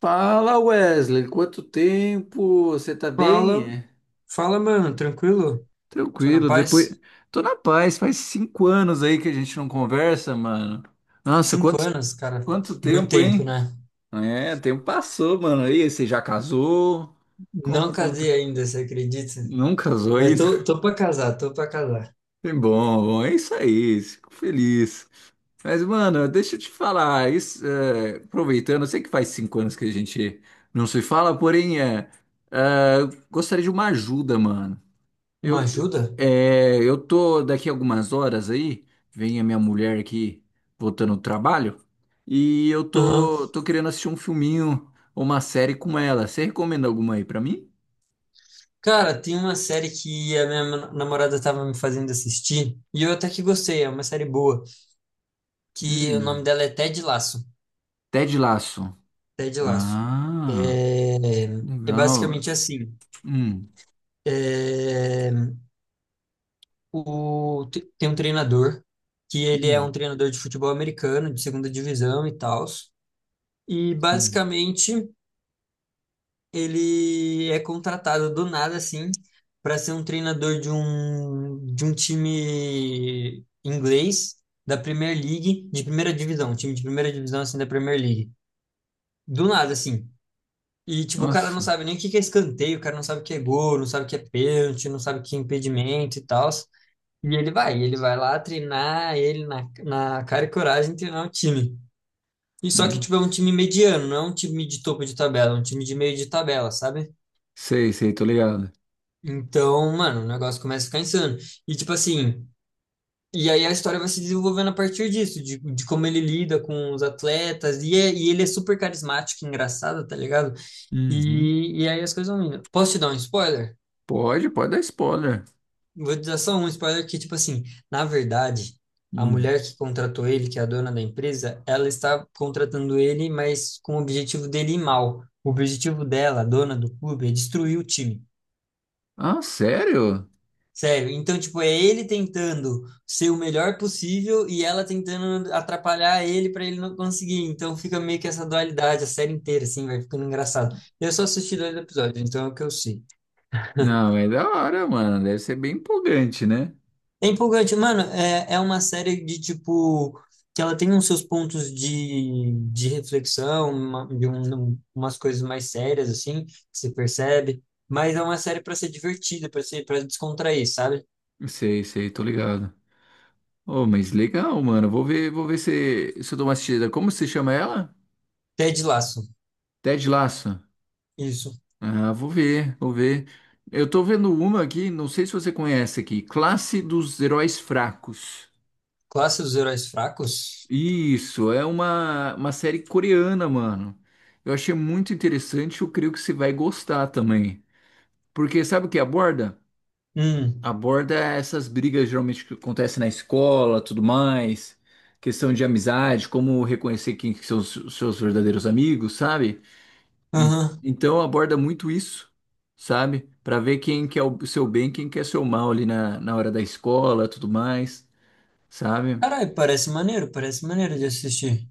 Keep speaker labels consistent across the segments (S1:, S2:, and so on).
S1: Fala Wesley, quanto tempo? Você tá bem?
S2: Fala,
S1: É?
S2: fala, mano, tranquilo? Só na
S1: Tranquilo, depois.
S2: paz?
S1: Tô na paz, faz 5 anos aí que a gente não conversa, mano. Nossa,
S2: Cinco
S1: quanto,
S2: anos, cara,
S1: quanto
S2: muito
S1: tempo,
S2: tempo,
S1: hein?
S2: né?
S1: É, tempo passou, mano. E aí, você já casou?
S2: Não
S1: Como, como... tá-
S2: casei ainda, você acredita?
S1: Não casou
S2: Mas
S1: ainda?
S2: tô, tô pra casar, tô pra casar.
S1: É bom, é isso aí, fico feliz. Mas, mano, deixa eu te falar, isso, é, aproveitando, eu sei que faz 5 anos que a gente não se fala, porém, eu gostaria de uma ajuda, mano.
S2: Uma
S1: Eu,
S2: ajuda?
S1: eu tô daqui algumas horas aí, vem a minha mulher aqui voltando do trabalho, e eu
S2: Aham.
S1: tô querendo assistir um filminho ou uma série com ela. Você recomenda alguma aí pra mim?
S2: Cara, tem uma série que a minha namorada tava me fazendo assistir, e eu até que gostei, é uma série boa, que o nome
S1: Hum,
S2: dela é Ted Lasso.
S1: Ted Lasso.
S2: Ted Lasso.
S1: Ah,
S2: É, é,
S1: legal.
S2: basicamente assim.
S1: Hum,
S2: É, tem um treinador que ele é
S1: hum,
S2: um treinador de futebol americano, de segunda divisão e tal. E
S1: hum.
S2: basicamente ele é contratado do nada assim para ser um treinador de um time inglês da Premier League, de primeira divisão, um time de primeira divisão assim da Premier League. Do nada assim. E tipo, o cara não
S1: Nossa,
S2: sabe nem o que que é escanteio, o cara não sabe o que é gol, não sabe o que é pênalti, não sabe o que é impedimento e tal. E ele vai lá treinar ele na cara e coragem treinar o time. E só que, tipo, é um
S1: nossa.
S2: time mediano, não é um time de topo de tabela, é um time de meio de tabela, sabe?
S1: Sei, sei, tô ligado.
S2: Então, mano, o negócio começa a ficar insano. E, tipo assim, e aí a história vai se desenvolvendo a partir disso, de como ele lida com os atletas, e, e ele é super carismático, engraçado, tá ligado?
S1: Uhum.
S2: E aí as coisas vão indo. Posso te dar um spoiler?
S1: Pode, pode dar spoiler.
S2: Vou te dar só um spoiler que, tipo assim, na verdade, a
S1: Hum.
S2: mulher que contratou ele, que é a dona da empresa, ela está contratando ele, mas com o objetivo dele ir mal. O objetivo dela, a dona do clube, é destruir o time.
S1: Ah, sério?
S2: Sério. Então, tipo, é ele tentando ser o melhor possível e ela tentando atrapalhar ele para ele não conseguir. Então fica meio que essa dualidade a série inteira, assim, vai ficando engraçado. Eu só assisti 2 episódios, então é o que eu sei.
S1: Não, é da hora, mano. Deve ser bem empolgante, né?
S2: É empolgante, mano. É, é uma série de tipo que ela tem uns seus pontos de reflexão, uma, de um, umas coisas mais sérias assim, que você percebe. Mas é uma série pra ser divertida, pra ser para descontrair, sabe?
S1: Sei, sei, tô ligado. Oh, mas legal, mano. Vou ver se eu dou uma assistida. Como se chama ela?
S2: Ted Lasso,
S1: Ted Lasso.
S2: isso.
S1: Ah, vou ver, vou ver. Eu tô vendo uma aqui, não sei se você conhece aqui. Classe dos Heróis Fracos.
S2: Classe dos Heróis Fracos.
S1: Isso, é uma série coreana, mano. Eu achei muito interessante, eu creio que você vai gostar também. Porque sabe o que aborda?
S2: Hum,
S1: Aborda essas brigas geralmente que acontecem na escola, tudo mais, questão de amizade, como reconhecer quem que são os seus verdadeiros amigos, sabe?
S2: aham.
S1: Então aborda muito isso, sabe? Pra ver quem quer o seu bem, quem quer seu mal ali na hora da escola, tudo mais, sabe?
S2: Caralho, parece maneiro de assistir.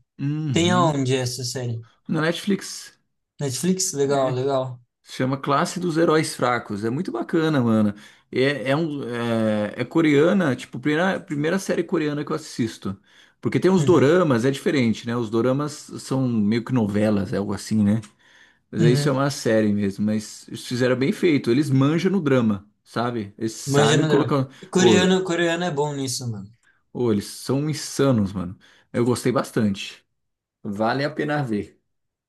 S2: Tem
S1: Uhum.
S2: aonde essa série?
S1: Na Netflix.
S2: Netflix? Legal, legal.
S1: Chama Classe dos Heróis Fracos. É muito bacana, mano. É coreana, tipo, primeira série coreana que eu assisto. Porque tem os
S2: Uhum,
S1: doramas, é diferente, né? Os doramas são meio que novelas, é algo assim, né? Mas aí isso é
S2: uhum.
S1: uma série mesmo. Mas eles fizeram bem feito. Eles manjam no drama, sabe? Eles
S2: Manja
S1: sabem
S2: no drama.
S1: colocar. Ô,
S2: Coreano, coreano é bom nisso, mano.
S1: ô, eles são insanos, mano. Eu gostei bastante. Vale a pena ver.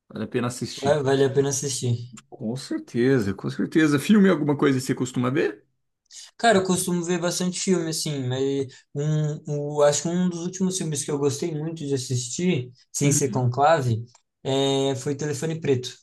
S1: Vale a pena assistir.
S2: Vale a pena assistir.
S1: Com certeza, com certeza. Filme alguma coisa que você costuma ver?
S2: Cara, eu costumo ver bastante filme, assim, mas um, o, acho que um dos últimos filmes que eu gostei muito de assistir, sem ser Conclave, é, foi Telefone Preto.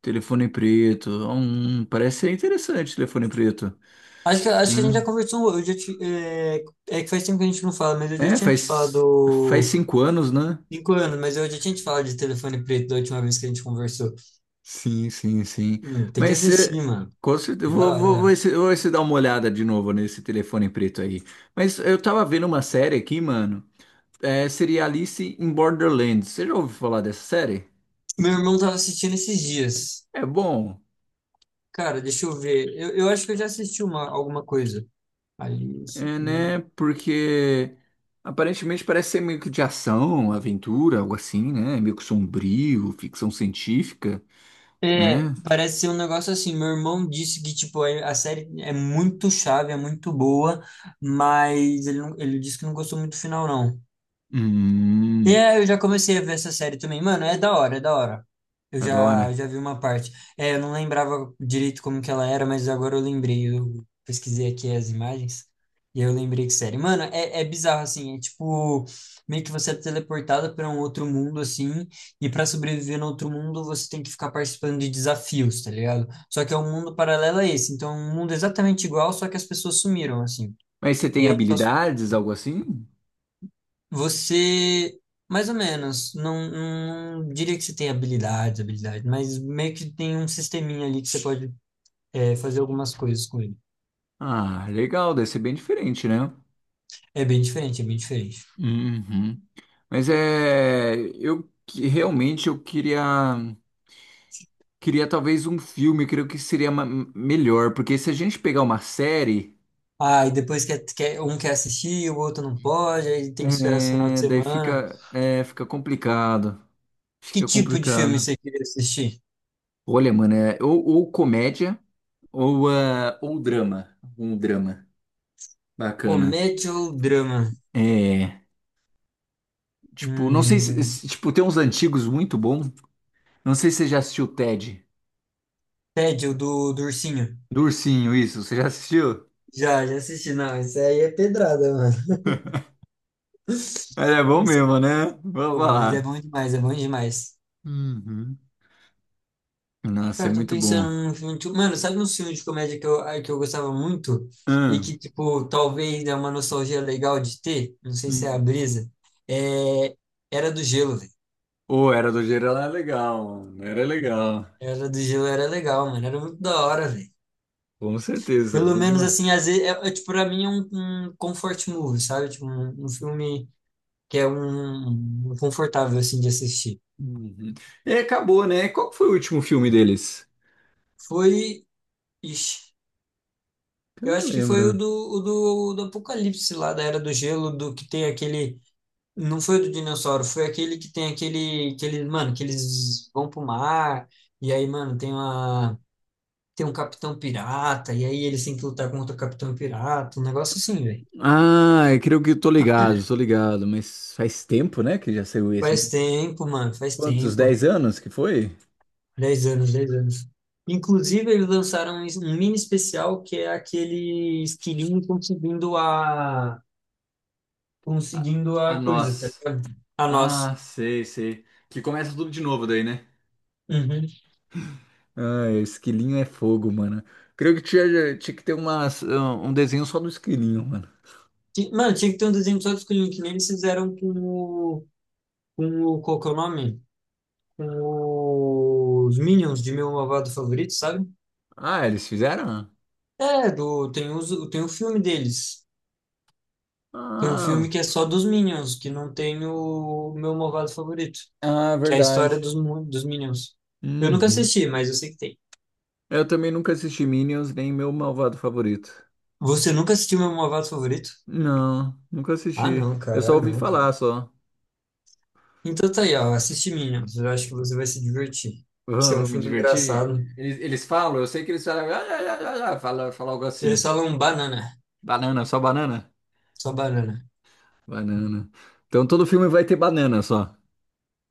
S1: Telefone preto. Parece ser interessante, telefone preto.
S2: Acho que a gente já
S1: Né?
S2: conversou, eu já é que faz tempo que a gente não fala, mas eu já
S1: É,
S2: tinha te
S1: faz
S2: falado,
S1: 5 anos, né?
S2: 5 anos, mas eu já tinha te falado de Telefone Preto da última vez que a gente conversou.
S1: Sim, sim, sim.
S2: Tem que
S1: Mas
S2: assistir,
S1: é,
S2: mano.
S1: com certeza, eu
S2: É da hora.
S1: vou esse dar uma olhada de novo nesse telefone preto aí. Mas eu tava vendo uma série aqui, mano. É, seria Alice in Borderlands. Você já ouviu falar dessa série?
S2: Meu irmão tava assistindo esses dias.
S1: É bom,
S2: Cara, deixa eu ver. Eu acho que eu já assisti uma, alguma coisa. Alice.
S1: é,
S2: Né?
S1: né? Porque aparentemente parece ser meio que de ação, aventura, algo assim, né? Meio que sombrio, ficção científica.
S2: É,
S1: Né?
S2: parece ser um negócio assim. Meu irmão disse que tipo a série é muito chave, é muito boa, mas ele, ele disse que não gostou muito do final, não. E
S1: Hum,
S2: é, eu já comecei a ver essa série também. Mano, é da hora, é da hora. Eu
S1: adora.
S2: já, eu já vi uma parte. É, eu não lembrava direito como que ela era, mas agora eu lembrei. Eu pesquisei aqui as imagens e eu lembrei que série. Mano, é, é bizarro, assim. É tipo, meio que você é teleportada para um outro mundo, assim. E para sobreviver no outro mundo, você tem que ficar participando de desafios, tá ligado? Só que é um mundo paralelo a esse. Então, é um mundo exatamente igual, só que as pessoas sumiram, assim.
S1: Mas você
S2: E
S1: tem
S2: aí só
S1: habilidades, algo assim?
S2: você, mais ou menos, não, não diria que você tem habilidades, habilidades, mas meio que tem um sisteminha ali que você pode é, fazer algumas coisas com ele.
S1: Ah, legal, deve ser bem diferente, né?
S2: É bem diferente, é bem diferente.
S1: Uhum. Mas é, realmente eu queria queria talvez um filme, eu creio que seria melhor, porque se a gente pegar uma série,
S2: Ah, e depois um quer assistir, o outro não pode, aí tem que esperar esse final de
S1: é, daí
S2: semana.
S1: fica fica complicado,
S2: Que
S1: fica
S2: tipo de filme
S1: complicado.
S2: você queria assistir?
S1: Olha, mano, ou comédia ou ou drama, um drama bacana.
S2: Comédia ou drama?
S1: É. Tipo, não sei se,
S2: Hum,
S1: se- tipo, tem uns antigos muito bons. Não sei se você já assistiu o Ted.
S2: Ted, o do ursinho.
S1: Do ursinho, isso. Você já assistiu?
S2: Já assisti, não, isso aí é pedrada, mano. Isso
S1: Ele é bom
S2: é
S1: mesmo, né? Vou
S2: bom, mas é
S1: falar.
S2: bom demais, é bom demais.
S1: Uhum. Nossa, é
S2: Cara, eu tô
S1: muito bom.
S2: pensando num filme. Tipo, mano, sabe um filme de comédia que eu, ah, que eu gostava muito? E
S1: Hum.
S2: que, tipo, talvez é uma nostalgia legal de ter? Não sei se é a
S1: Hum.
S2: brisa. É... Era do Gelo, velho.
S1: O Era do Gelo era legal, mano. Era legal.
S2: Era do Gelo, era legal, mano. Era muito da hora, velho.
S1: Com certeza,
S2: Pelo
S1: bom
S2: menos,
S1: demais.
S2: assim, às vezes, tipo, pra mim é um comfort movie, sabe? Tipo, um filme que é um confortável, assim, de assistir.
S1: Uhum. E acabou, né? Qual que foi o último filme deles?
S2: Foi. Ixi,
S1: Eu
S2: eu
S1: não
S2: acho que foi o
S1: lembro.
S2: do, o do, do Apocalipse lá, da Era do Gelo, do que tem aquele. Não foi o do dinossauro, foi aquele que tem mano, que eles vão pro mar, e aí, mano, tem um capitão pirata, e aí eles têm que lutar contra o capitão pirata, um negócio assim, velho.
S1: Ah, eu creio que eu tô ligado, tô ligado. Mas faz tempo, né, que já saiu esse. Né?
S2: Faz tempo, mano, faz
S1: Quantos?
S2: tempo.
S1: 10 anos que foi?
S2: 10 anos, 10 anos. Inclusive, eles lançaram um mini especial que é aquele esquilinho conseguindo a,
S1: A,
S2: conseguindo
S1: a
S2: a coisa, tá
S1: nós.
S2: ligado? A
S1: Ah,
S2: nós.
S1: sei, sei. Que começa tudo de novo daí, né?
S2: Uhum.
S1: Ah, esquilinho é fogo, mano. Creio que tinha que ter umas, um desenho só do esquilinho, mano.
S2: Mano, tinha que ter um desenho só do esquilinho, que nem eles fizeram com o, qual que é o nome? Os Minions de Meu Malvado Favorito, sabe?
S1: Ah, eles fizeram?
S2: Tem o filme deles. Tem um filme
S1: Ah,
S2: que é só dos Minions, que não tem o Meu Malvado Favorito,
S1: ah,
S2: que é a história
S1: verdade.
S2: dos Minions. Eu nunca
S1: Uhum.
S2: assisti, mas eu sei que tem.
S1: Eu também nunca assisti Minions, nem meu malvado favorito.
S2: Você nunca assistiu Meu Malvado Favorito?
S1: Não, nunca
S2: Ah,
S1: assisti.
S2: não,
S1: Eu só
S2: cara, ah,
S1: ouvi
S2: não, cara.
S1: falar, só.
S2: Então tá aí, ó, assiste Minions, eu acho que você vai se divertir.
S1: Ah,
S2: Que é um
S1: vou me
S2: filme
S1: divertir.
S2: engraçado.
S1: Eles falam, eu sei que eles falam, ah, ah, ah, ah, ah", fala algo
S2: Eles
S1: assim.
S2: falam banana,
S1: Banana, só banana?
S2: só banana.
S1: Banana. Então todo filme vai ter banana só.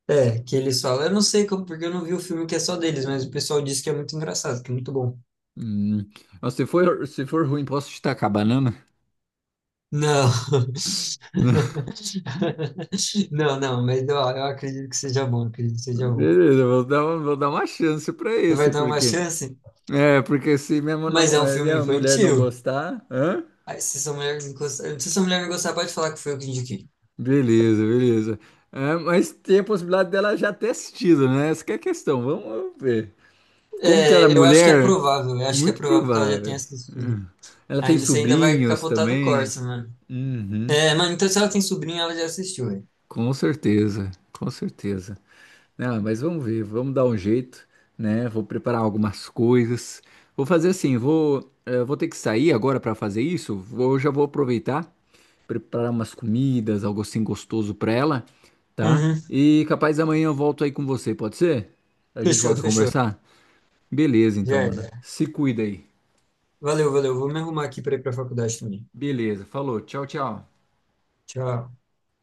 S2: É, que eles falam. Eu não sei como, porque eu não vi o filme que é só deles, mas o pessoal disse que é muito engraçado, que é muito bom.
S1: Hum. Mas se for ruim, posso destacar banana?
S2: Não. Não, não, mas ó, eu acredito que seja bom, acredito que seja bom.
S1: Beleza, vou dar uma chance pra
S2: Você vai
S1: esse,
S2: dar uma
S1: porque
S2: chance,
S1: é, porque se minha, mo-
S2: mas
S1: namo-
S2: é um
S1: eh,
S2: filme
S1: minha mulher não
S2: infantil.
S1: gostar, hã?
S2: Aí, se essa mulher não gostar, se essa mulher não gostar, pode falar que foi eu que indiquei.
S1: Beleza, beleza. É, mas tem a possibilidade dela já ter assistido, né? Essa que é a questão. Vamos ver. Como que ela é
S2: É, eu acho que é
S1: mulher?
S2: provável, eu acho que é
S1: Muito
S2: provável que ela já tenha
S1: provável.
S2: assistido.
S1: Hum. Ela tem
S2: Ainda você ainda vai
S1: sobrinhos
S2: capotar do
S1: também.
S2: Corsa, mano.
S1: Uhum.
S2: É, mano, então se ela tem sobrinha, ela já assistiu, velho.
S1: Com certeza, com certeza. Né? Ah, mas vamos ver, vamos dar um jeito, né? Vou preparar algumas coisas. Vou fazer assim, vou ter que sair agora para fazer isso. Vou, já vou aproveitar, preparar umas comidas, algo assim gostoso para ela, tá?
S2: Uhum,
S1: E capaz amanhã eu volto aí com você, pode ser? A gente
S2: fechou,
S1: volta a
S2: fechou.
S1: conversar? Beleza, então,
S2: Já
S1: mano.
S2: era.
S1: Se cuida aí.
S2: Valeu, valeu. Vou me arrumar aqui para ir para a faculdade também.
S1: Beleza, falou, tchau, tchau.
S2: Tchau.